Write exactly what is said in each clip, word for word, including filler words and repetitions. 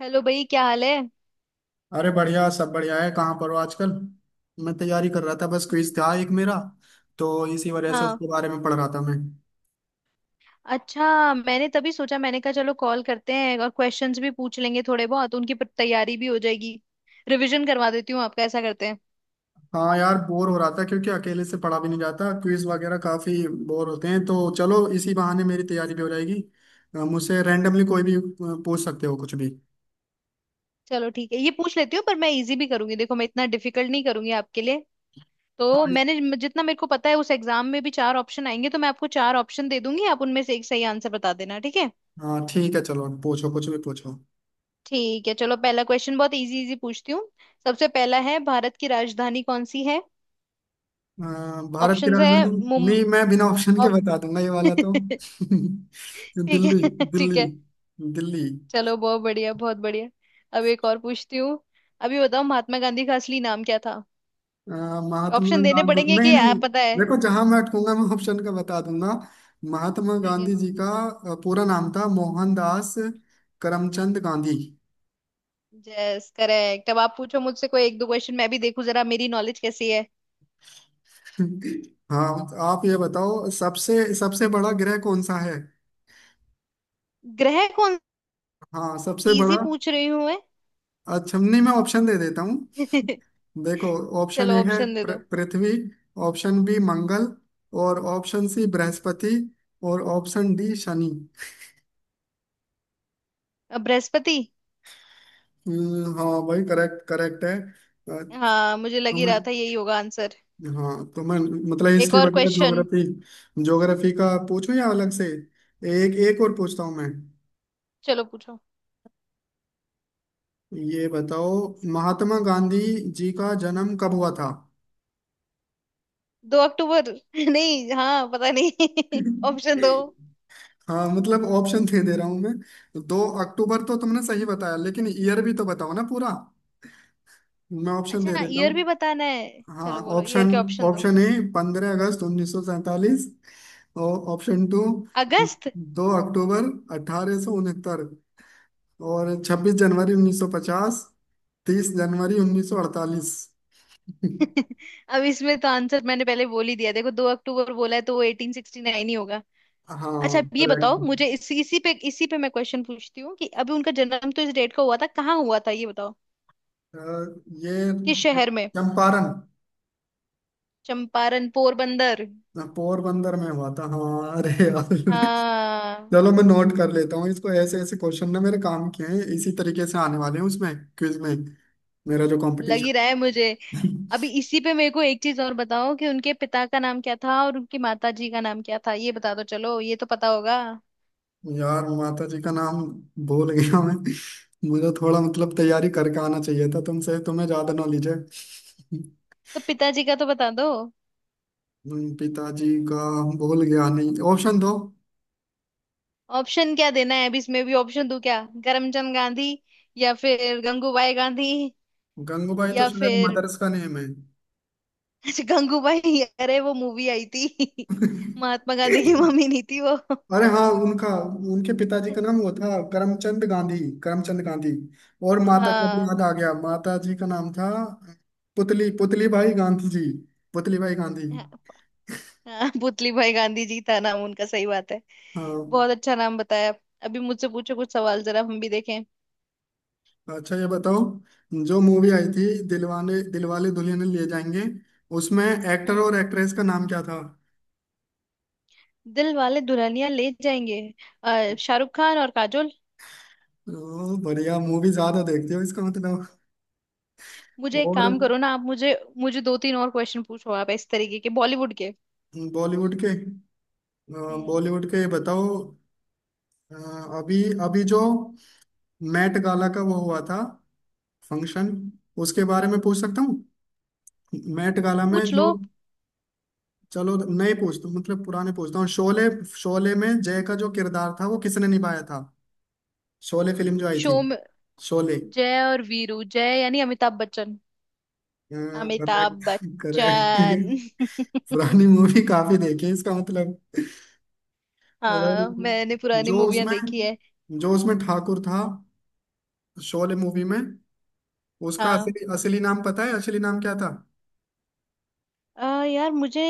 Hello भाई, क्या हाल है। अरे बढ़िया, सब बढ़िया है। कहाँ पर हो आजकल? मैं तैयारी कर रहा था, बस क्विज था एक मेरा। तो इसी वजह से हाँ। उसके बारे में पढ़ रहा था मैं। अच्छा, मैंने तभी सोचा, मैंने कहा चलो कॉल करते हैं और क्वेश्चंस भी पूछ लेंगे, थोड़े बहुत उनकी प- तैयारी भी हो जाएगी। रिवीजन करवा देती हूँ आपका, ऐसा करते हैं। हाँ यार, बोर हो रहा था क्योंकि अकेले से पढ़ा भी नहीं जाता, क्विज वगैरह काफी बोर होते हैं। तो चलो इसी बहाने मेरी तैयारी भी हो जाएगी। अ, मुझसे रैंडमली कोई भी अ, पूछ सकते हो, कुछ भी। चलो ठीक है, ये पूछ लेती हूँ, पर मैं इजी भी करूंगी। देखो, मैं इतना डिफिकल्ट नहीं करूंगी आपके लिए। तो हाँ। मैंने म- जितना मेरे को पता है उस एग्जाम में भी चार ऑप्शन आएंगे, तो मैं आपको चार ऑप्शन दे दूंगी। आप उनमें से एक सही आंसर बता देना, ठीक है। हाँ ठीक है, चलो पूछो, कुछ भी पूछो। ठीक है, चलो पहला क्वेश्चन बहुत इजी इजी पूछती हूँ। सबसे पहला है, भारत की राजधानी कौन सी है। अ, भारत की ऑप्शंस है राजधानी। मुम नहीं, मैं बिना ऑप्शन के ऑप बता दूंगा ये वाला तो। ठीक दिल्ली। है, ठीक दिल्ली। है। दिल्ली। चलो, बहुत बढ़िया, बहुत बढ़िया। अब एक और पूछती हूँ। अभी बताओ, महात्मा गांधी का असली नाम क्या था। अ, महात्मा ऑप्शन देने गांधी, पड़ेंगे नहीं कि नहीं। आप पता है। देखो, जहां मैं अटकूंगा मैं ऑप्शन का बता दूंगा। महात्मा ठीक गांधी है। जी का अ, पूरा नाम था मोहनदास करमचंद गांधी। यस करेक्ट, अब आप पूछो मुझसे कोई एक दो क्वेश्चन, मैं भी देखूं जरा मेरी नॉलेज कैसी है। हाँ। आप ये बताओ, सबसे सबसे बड़ा ग्रह कौन सा है? ग्रह कौन। हाँ, सबसे बड़ा। इजी पूछ रही हूँ मैं। अच्छा, नहीं मैं ऑप्शन दे देता हूँ। देखो, ऑप्शन चलो, ए है ऑप्शन दे पृ- दो। पृथ्वी। ऑप्शन बी मंगल। और ऑप्शन सी बृहस्पति। और ऑप्शन डी शनि। अब बृहस्पति। हम्म, हाँ भाई, करेक्ट करेक्ट है। हाँ, मुझे लग अ, ही रहा था यही होगा आंसर। हाँ तो मैं, मतलब एक हिस्ट्री और वगैरह क्वेश्चन। ज्योग्राफी। ज्योग्राफी का पूछूं या अलग से? एक एक और पूछता हूँ मैं। चलो पूछो। ये बताओ, महात्मा गांधी जी का जन्म कब हुआ था? दो अक्टूबर नहीं, हाँ, पता नहीं ऑप्शन दो। हाँ मतलब ऑप्शन दे दे रहा हूँ मैं। दो अक्टूबर तो तुमने सही बताया, लेकिन ईयर भी तो बताओ ना पूरा। मैं ऑप्शन दे अच्छा, देता ईयर भी हूँ। बताना है, हाँ। चलो बोलो ईयर ऑप्शन, के ऑप्शन दो। ऑप्शन ए पंद्रह अगस्त उन्नीस सौ सैंतालीस। और ऑप्शन टू अगस्त। दो अक्टूबर अठारह सौ उनहत्तर। और 26 जनवरी उन्नीस सौ पचास। 30 जनवरी उन्नीस सौ अड़तालीस। अब इसमें तो आंसर मैंने पहले बोल ही दिया, देखो दो अक्टूबर बोला है, तो वो एटीन सिक्सटी नाइन ही होगा। अच्छा, हाँ अब ये बताओ, मुझे करेक्ट। इसी इसी पे इसी पे मैं क्वेश्चन पूछती हूँ कि अभी उनका जन्म तो इस डेट का हुआ था, कहाँ हुआ था ये बताओ। ये किस शहर में। चंपारण, चंपारण, पोरबंदर। पोरबंदर में हुआ था, हाँ, अरे यार। हाँ। चलो मैं नोट कर लेता हूँ इसको, ऐसे ऐसे क्वेश्चन ना मेरे काम के हैं, इसी तरीके से आने वाले हैं उसमें, क्विज में, मेरा जो लग ही रहा कंपटीशन। है मुझे। अभी इसी पे मेरे को एक चीज और बताओ कि उनके पिता का नाम क्या था और उनकी माता जी का नाम क्या था, ये बता दो, चलो ये तो पता होगा। यार, माता जी का नाम भूल गया मैं। मुझे थोड़ा मतलब तैयारी करके आना चाहिए था, तुमसे तुम्हें ज्यादा नॉलेज है। तो पिताजी का तो बता दो। हम्म, पिताजी का, भूल गया, नहीं ऑप्शन दो। ऑप्शन क्या देना है, अभी इसमें भी ऑप्शन दूं क्या, करमचंद गांधी, या फिर गंगूबाई गांधी, गंगूबाई तो या शायद फिर मदर्स का नेम है। अच्छा, गंगूबाई, अरे वो मूवी आई थी। महात्मा गांधी की मम्मी नहीं थी वो। अरे हाँ उनका, उनके पिताजी का नाम वो था करमचंद गांधी। करमचंद गांधी। और माता का भी हाँ, याद आ गया, माता जी का नाम था पुतली पुतली भाई गांधी जी। पुतली भाई गांधी। हाँ। हाँ, पुतली भाई गांधी जी था नाम उनका, सही बात है। हाँ। बहुत अच्छा नाम बताया। अभी मुझसे पूछो कुछ सवाल, जरा हम भी देखें। अच्छा, ये बताओ, जो मूवी आई थी दिलवाने दिलवाले दुल्हनिया ले जाएंगे, उसमें एक्टर हम्म। और एक्ट्रेस का नाम क्या था? दिल वाले दुल्हनिया ले जाएंगे। अ, शाहरुख खान और काजोल। ओ बढ़िया, मूवी ज्यादा देखते हो इसका मतलब। मुझे एक और काम करो ना आप, मुझे मुझे दो तीन और क्वेश्चन पूछो आप इस तरीके के, बॉलीवुड के। बॉलीवुड के। हम्म। बॉलीवुड के बताओ। अ, अभी अभी जो मैट गाला का वो हुआ था, फंक्शन, उसके बारे में पूछ सकता हूँ। मैट गाला में पूछ जो। लो। चलो नए पूछता हूँ, मतलब पुराने पूछता हूँ, शोले। शोले में जय का जो किरदार था वो किसने निभाया था? शोले फिल्म जो आई थी, शो में शोले। जय और वीरू, जय यानी अमिताभ बच्चन। अमिताभ करेक्ट। करेक्ट। बच्चन। पुरानी मूवी काफी देखी है इसका मतलब। और हाँ, मैंने पुरानी जो मूवियां उसमें, देखी है। जो उसमें ठाकुर था शोले मूवी में, उसका हाँ। असली, असली नाम पता है, असली नाम क्या था? आ, यार मुझे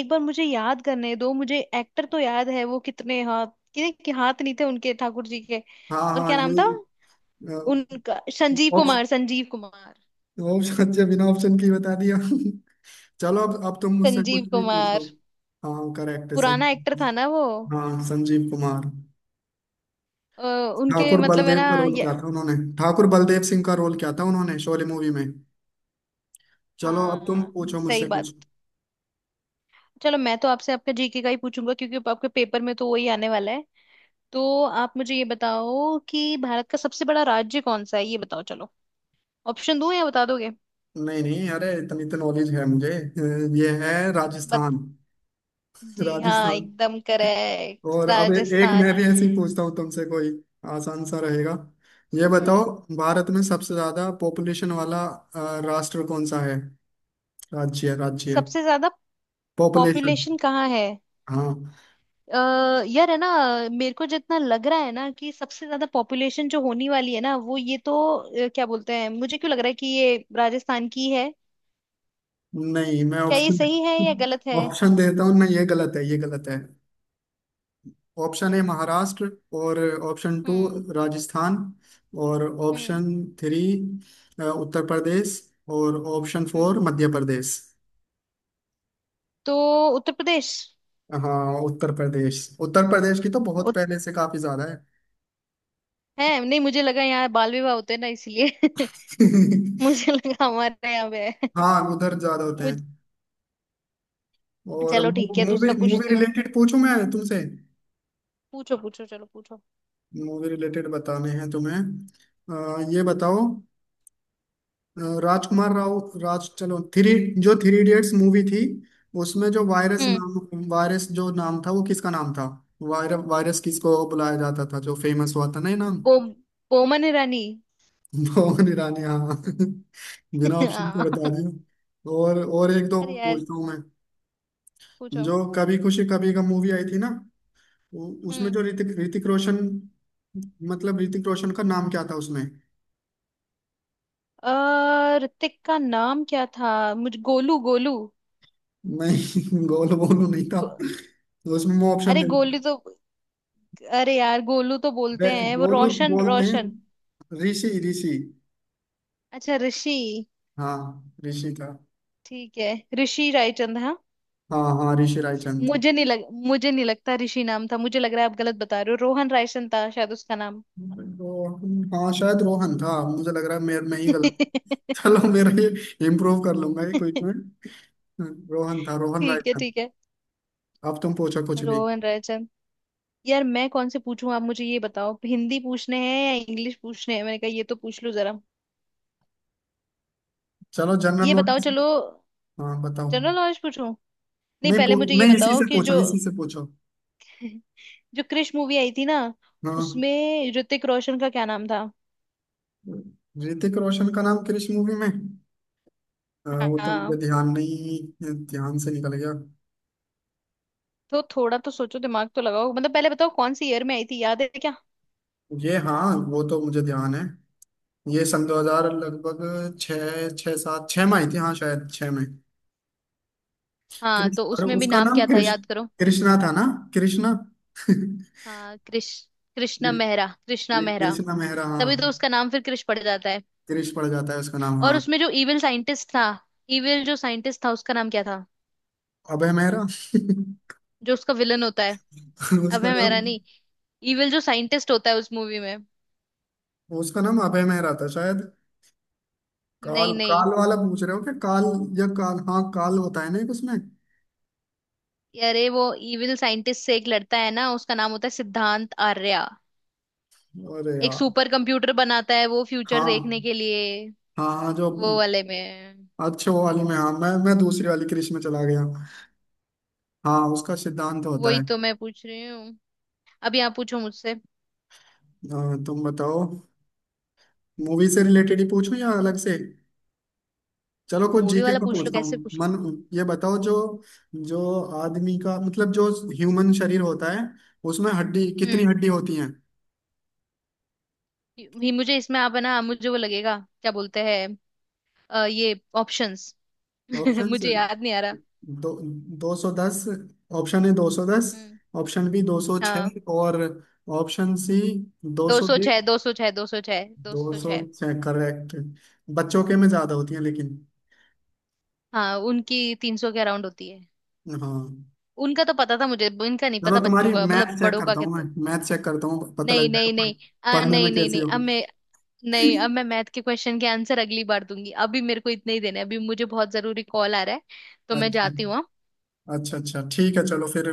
एक बार मुझे याद करने दो, मुझे एक्टर तो याद है, वो कितने हाथ, कितने के हाथ नहीं थे उनके, ठाकुर जी के। हाँ और हाँ क्या नाम था ये। उनका, संजीव ऑप्शन, कुमार, संजीव कुमार। ऑप्शन, अच्छा बिना ऑप्शन की बता दिया। चलो अब अब तुम मुझसे संजीव कुछ भी कुमार। पूछो। हाँ करेक्ट है। सं, पुराना एक्टर था ना वो। हाँ संजीव कुमार। अ, उनके ठाकुर मतलब है बलदेव का ना रोल ये। क्या था उन्होंने? ठाकुर बलदेव सिंह का रोल क्या था उन्होंने शोले मूवी में? चलो अब तुम हाँ, पूछो सही मुझसे बात। कुछ। चलो, मैं तो आपसे आपका जीके का ही पूछूंगा क्योंकि आपके पेपर में तो वही आने वाला है। तो आप मुझे ये बताओ कि भारत का सबसे बड़ा राज्य कौन सा है, ये बताओ चलो। ऑप्शन दूं या बता दोगे। नहीं नहीं, अरे इतनी तो नॉलेज है मुझे। अ, ये है बत... राजस्थान। जी हाँ, राजस्थान। एकदम और करेक्ट, अब ए- एक मैं राजस्थान। भी ऐसे ही पूछता हूँ तुमसे कोई आसान सा रहेगा। ये पूछो। बताओ, भारत में सबसे ज्यादा पॉपुलेशन वाला अ, राष्ट्र कौन सा है, राज्य, राज्य, सबसे ज्यादा पॉपुलेशन? पॉपुलेशन कहाँ है। हाँ। अ, यार है ना, मेरे को जितना लग रहा है ना कि सबसे ज्यादा पॉपुलेशन जो होने वाली है ना, वो ये तो अ, क्या बोलते हैं, मुझे क्यों लग रहा है कि ये राजस्थान की है। नहीं, मैं क्या ये ऑप्शन, सही है या गलत है। ऑप्शन देता हूँ, नहीं ये गलत है, ये गलत है। Option A Maharashtra. और ऑप्शन टू हम्म। राजस्थान। और हम्म। ऑप्शन थ्री अ, उत्तर प्रदेश। और ऑप्शन हम्म। फोर मध्य प्रदेश। तो उत्तर प्रदेश। हाँ, उत्तर प्रदेश, उत्तर प्रदेश की तो बहुत उत, पहले से काफी ज्यादा है। है नहीं, मुझे लगा यहाँ बाल विवाह होते हैं ना इसलिए। मुझे लगा हमारे यहाँ पे है। हाँ, उधर ज्यादा होते मुझ हैं। और चलो ठीक है, मूवी, दूसरा मूवी पूछती हूँ। रिलेटेड पूछूं मैं तुमसे? पूछो पूछो, चलो पूछो। मूवी रिलेटेड बताने हैं तुम्हें। अ, ये बताओ, अ, राजकुमार राव, राज चलो थ्री, जो थ्री इडियट्स मूवी थी, उसमें जो वायरस हम्म। नाम, वायरस जो नाम था वो किसका नाम था? वायर, वायरस किसको बुलाया जाता था, जो फेमस हुआ था ना ये नाम? बो बोमन ईरानी। मोहन ईरानी, हाँ। बिना ऑप्शन के बता हाँ। दिया। और और एक दो अरे यार, पूछता हूँ मैं। पूछो। जो कभी खुशी कभी गम मूवी आई थी ना, उ- उसमें हम्म। जो ऋतिक ऋतिक रोशन, मतलब ऋतिक रोशन का नाम क्या था उसमें? अ, ऋतिक का नाम क्या था। मुझे गोलू गोलू। नहीं गोलू बोलू नहीं था, गो, तो उसमें मैं ऑप्शन अरे दे। गोलू तो, अरे यार, गोलू तो वे- बोलते हैं वो, गोलू रोशन बोलते रोशन। हैं ऋषि, ऋषि। अच्छा, ऋषि। हाँ ऋषि था। ठीक है। ऋषि रायचंद, हाँ। हाँ हाँ ऋषि रायचंद। मुझे नहीं लग मुझे नहीं लगता ऋषि नाम था, मुझे लग रहा है आप गलत बता रहे हो, रोहन रायसन था शायद उसका नाम। तो हाँ, शायद रोहन था, मुझे लग रहा है मैं, मैं ही गलत। चलो, मेरा ये इम्प्रूव कर लूंगा ये क्विज में। हम्म, रोहन था, रोहन राय ठीक है, था। ठीक है। अब तुम पूछो कुछ भी। रोहन रायचंद। यार मैं कौन से पूछूं, आप मुझे ये बताओ हिंदी पूछने हैं या इंग्लिश पूछने हैं, मैंने कहा ये तो पूछ लो जरा। चलो जनरल ये बताओ नॉलेज। चलो। हाँ बताओ। जनरल नॉलेज पूछूं। नहीं, नहीं पहले मुझे पू- ये नहीं, इसी बताओ से कि पूछो, जो इसी से पूछो। जो क्रिश मूवी आई थी ना, हाँ। उसमें ऋतिक रोशन का क्या नाम था। ऋतिक रोशन का नाम किस मूवी में? आ, वो तो हाँ मुझे ध्यान नहीं, ध्यान से निकल गया। तो थोड़ा तो सोचो, दिमाग तो लगाओ, मतलब पहले बताओ कौन सी ईयर में आई थी, याद है क्या। ये हाँ, वो तो मुझे ध्यान है, ये सन दो हज़ार लगभग छः, छः सात छः में आई थी, हाँ शायद छः में। हाँ कृष- तो अरे उसमें भी उसका नाम नाम क्या था, कृष, याद करो। कृष्णा था ना। कृष्णा। हाँ, कृष। कृष्णा मेहरा, कृष्णा कृ- मेहरा। कृष्णा मेहरा, हाँ। तभी तो उसका नाम फिर कृष पड़ जाता है। कृष पड़ जाता है उसका नाम, और हाँ। उसमें जो इविल साइंटिस्ट था, इविल जो साइंटिस्ट था उसका नाम क्या था। अभय मेहरा। जो उसका विलन होता है। उसका अभय मेहरा नाम, नहीं। इविल जो साइंटिस्ट होता है उस मूवी में। उसका नाम अभय मेहरा था शायद। काल, नहीं, नहीं, काल वाला पूछ रहे हो क्या, काल? या काल, हाँ काल होता है ना एक उसमें। अरे वो इविल साइंटिस्ट से एक लड़ता है ना, उसका नाम होता है सिद्धांत आर्या। अरे एक यार। सुपर कंप्यूटर बनाता है वो फ्यूचर देखने हाँ के लिए। हाँ, हाँ जो। वो वाले में। अच्छे वो वाली में, हाँ मैं, मैं दूसरी वाली कृष में चला गया। हाँ उसका सिद्धांत होता वही है। तो मैं पूछ रही हूँ। अब यहाँ पूछो मुझसे। हाँ, तुम बताओ। मूवी से रिलेटेड ही पूछूं या अलग से? चलो कुछ मूवी जीके वाला को पूछ लो, पूछता हूँ कैसे पूछ लो। मन। ये बताओ, जो, ठीक। जो आदमी का मतलब, जो ह्यूमन शरीर होता है, उसमें हड्डी, कितनी हम्म। हड्डी होती हैं? ये- मुझे इसमें आप है ना, मुझे वो लगेगा, क्या बोलते हैं। अ, ये ऑप्शंस। ऑप्शंस मुझे याद नहीं आ रहा। दो, दो सौ दस। ऑप्शन ए दो सौ दस। हम्म। ऑप्शन बी दो सौ हाँ। छः और ऑप्शन सी दो दो सौ सौ बीस। छह, दो सौ छह, दो सौ छह, दो दो सौ सौ छह। छः करेक्ट। बच्चों के में ज्यादा होती है लेकिन। हाँ, उनकी तीन सौ के अराउंड होती है। हाँ। उनका तो पता था मुझे, इनका नहीं चलो पता, बच्चों तुम्हारी का मतलब, मैथ चेक बड़ों का करता हूँ मैं, कितना। मैथ चेक करता हूँ, पता नहीं, लग जाएगा नहीं, पढ़- नहीं। आ, पढ़ने में नहीं, नहीं, कैसे नहीं, अब हो। मैं नहीं, अब मैं मैथ के क्वेश्चन के आंसर अगली बार दूंगी। अभी मेरे को इतने ही देने हैं। अभी मुझे बहुत जरूरी कॉल आ रहा है, तो मैं अच्छा। जाती हूँ, हाँ? अच्छा अच्छा ठीक है, चलो फिर।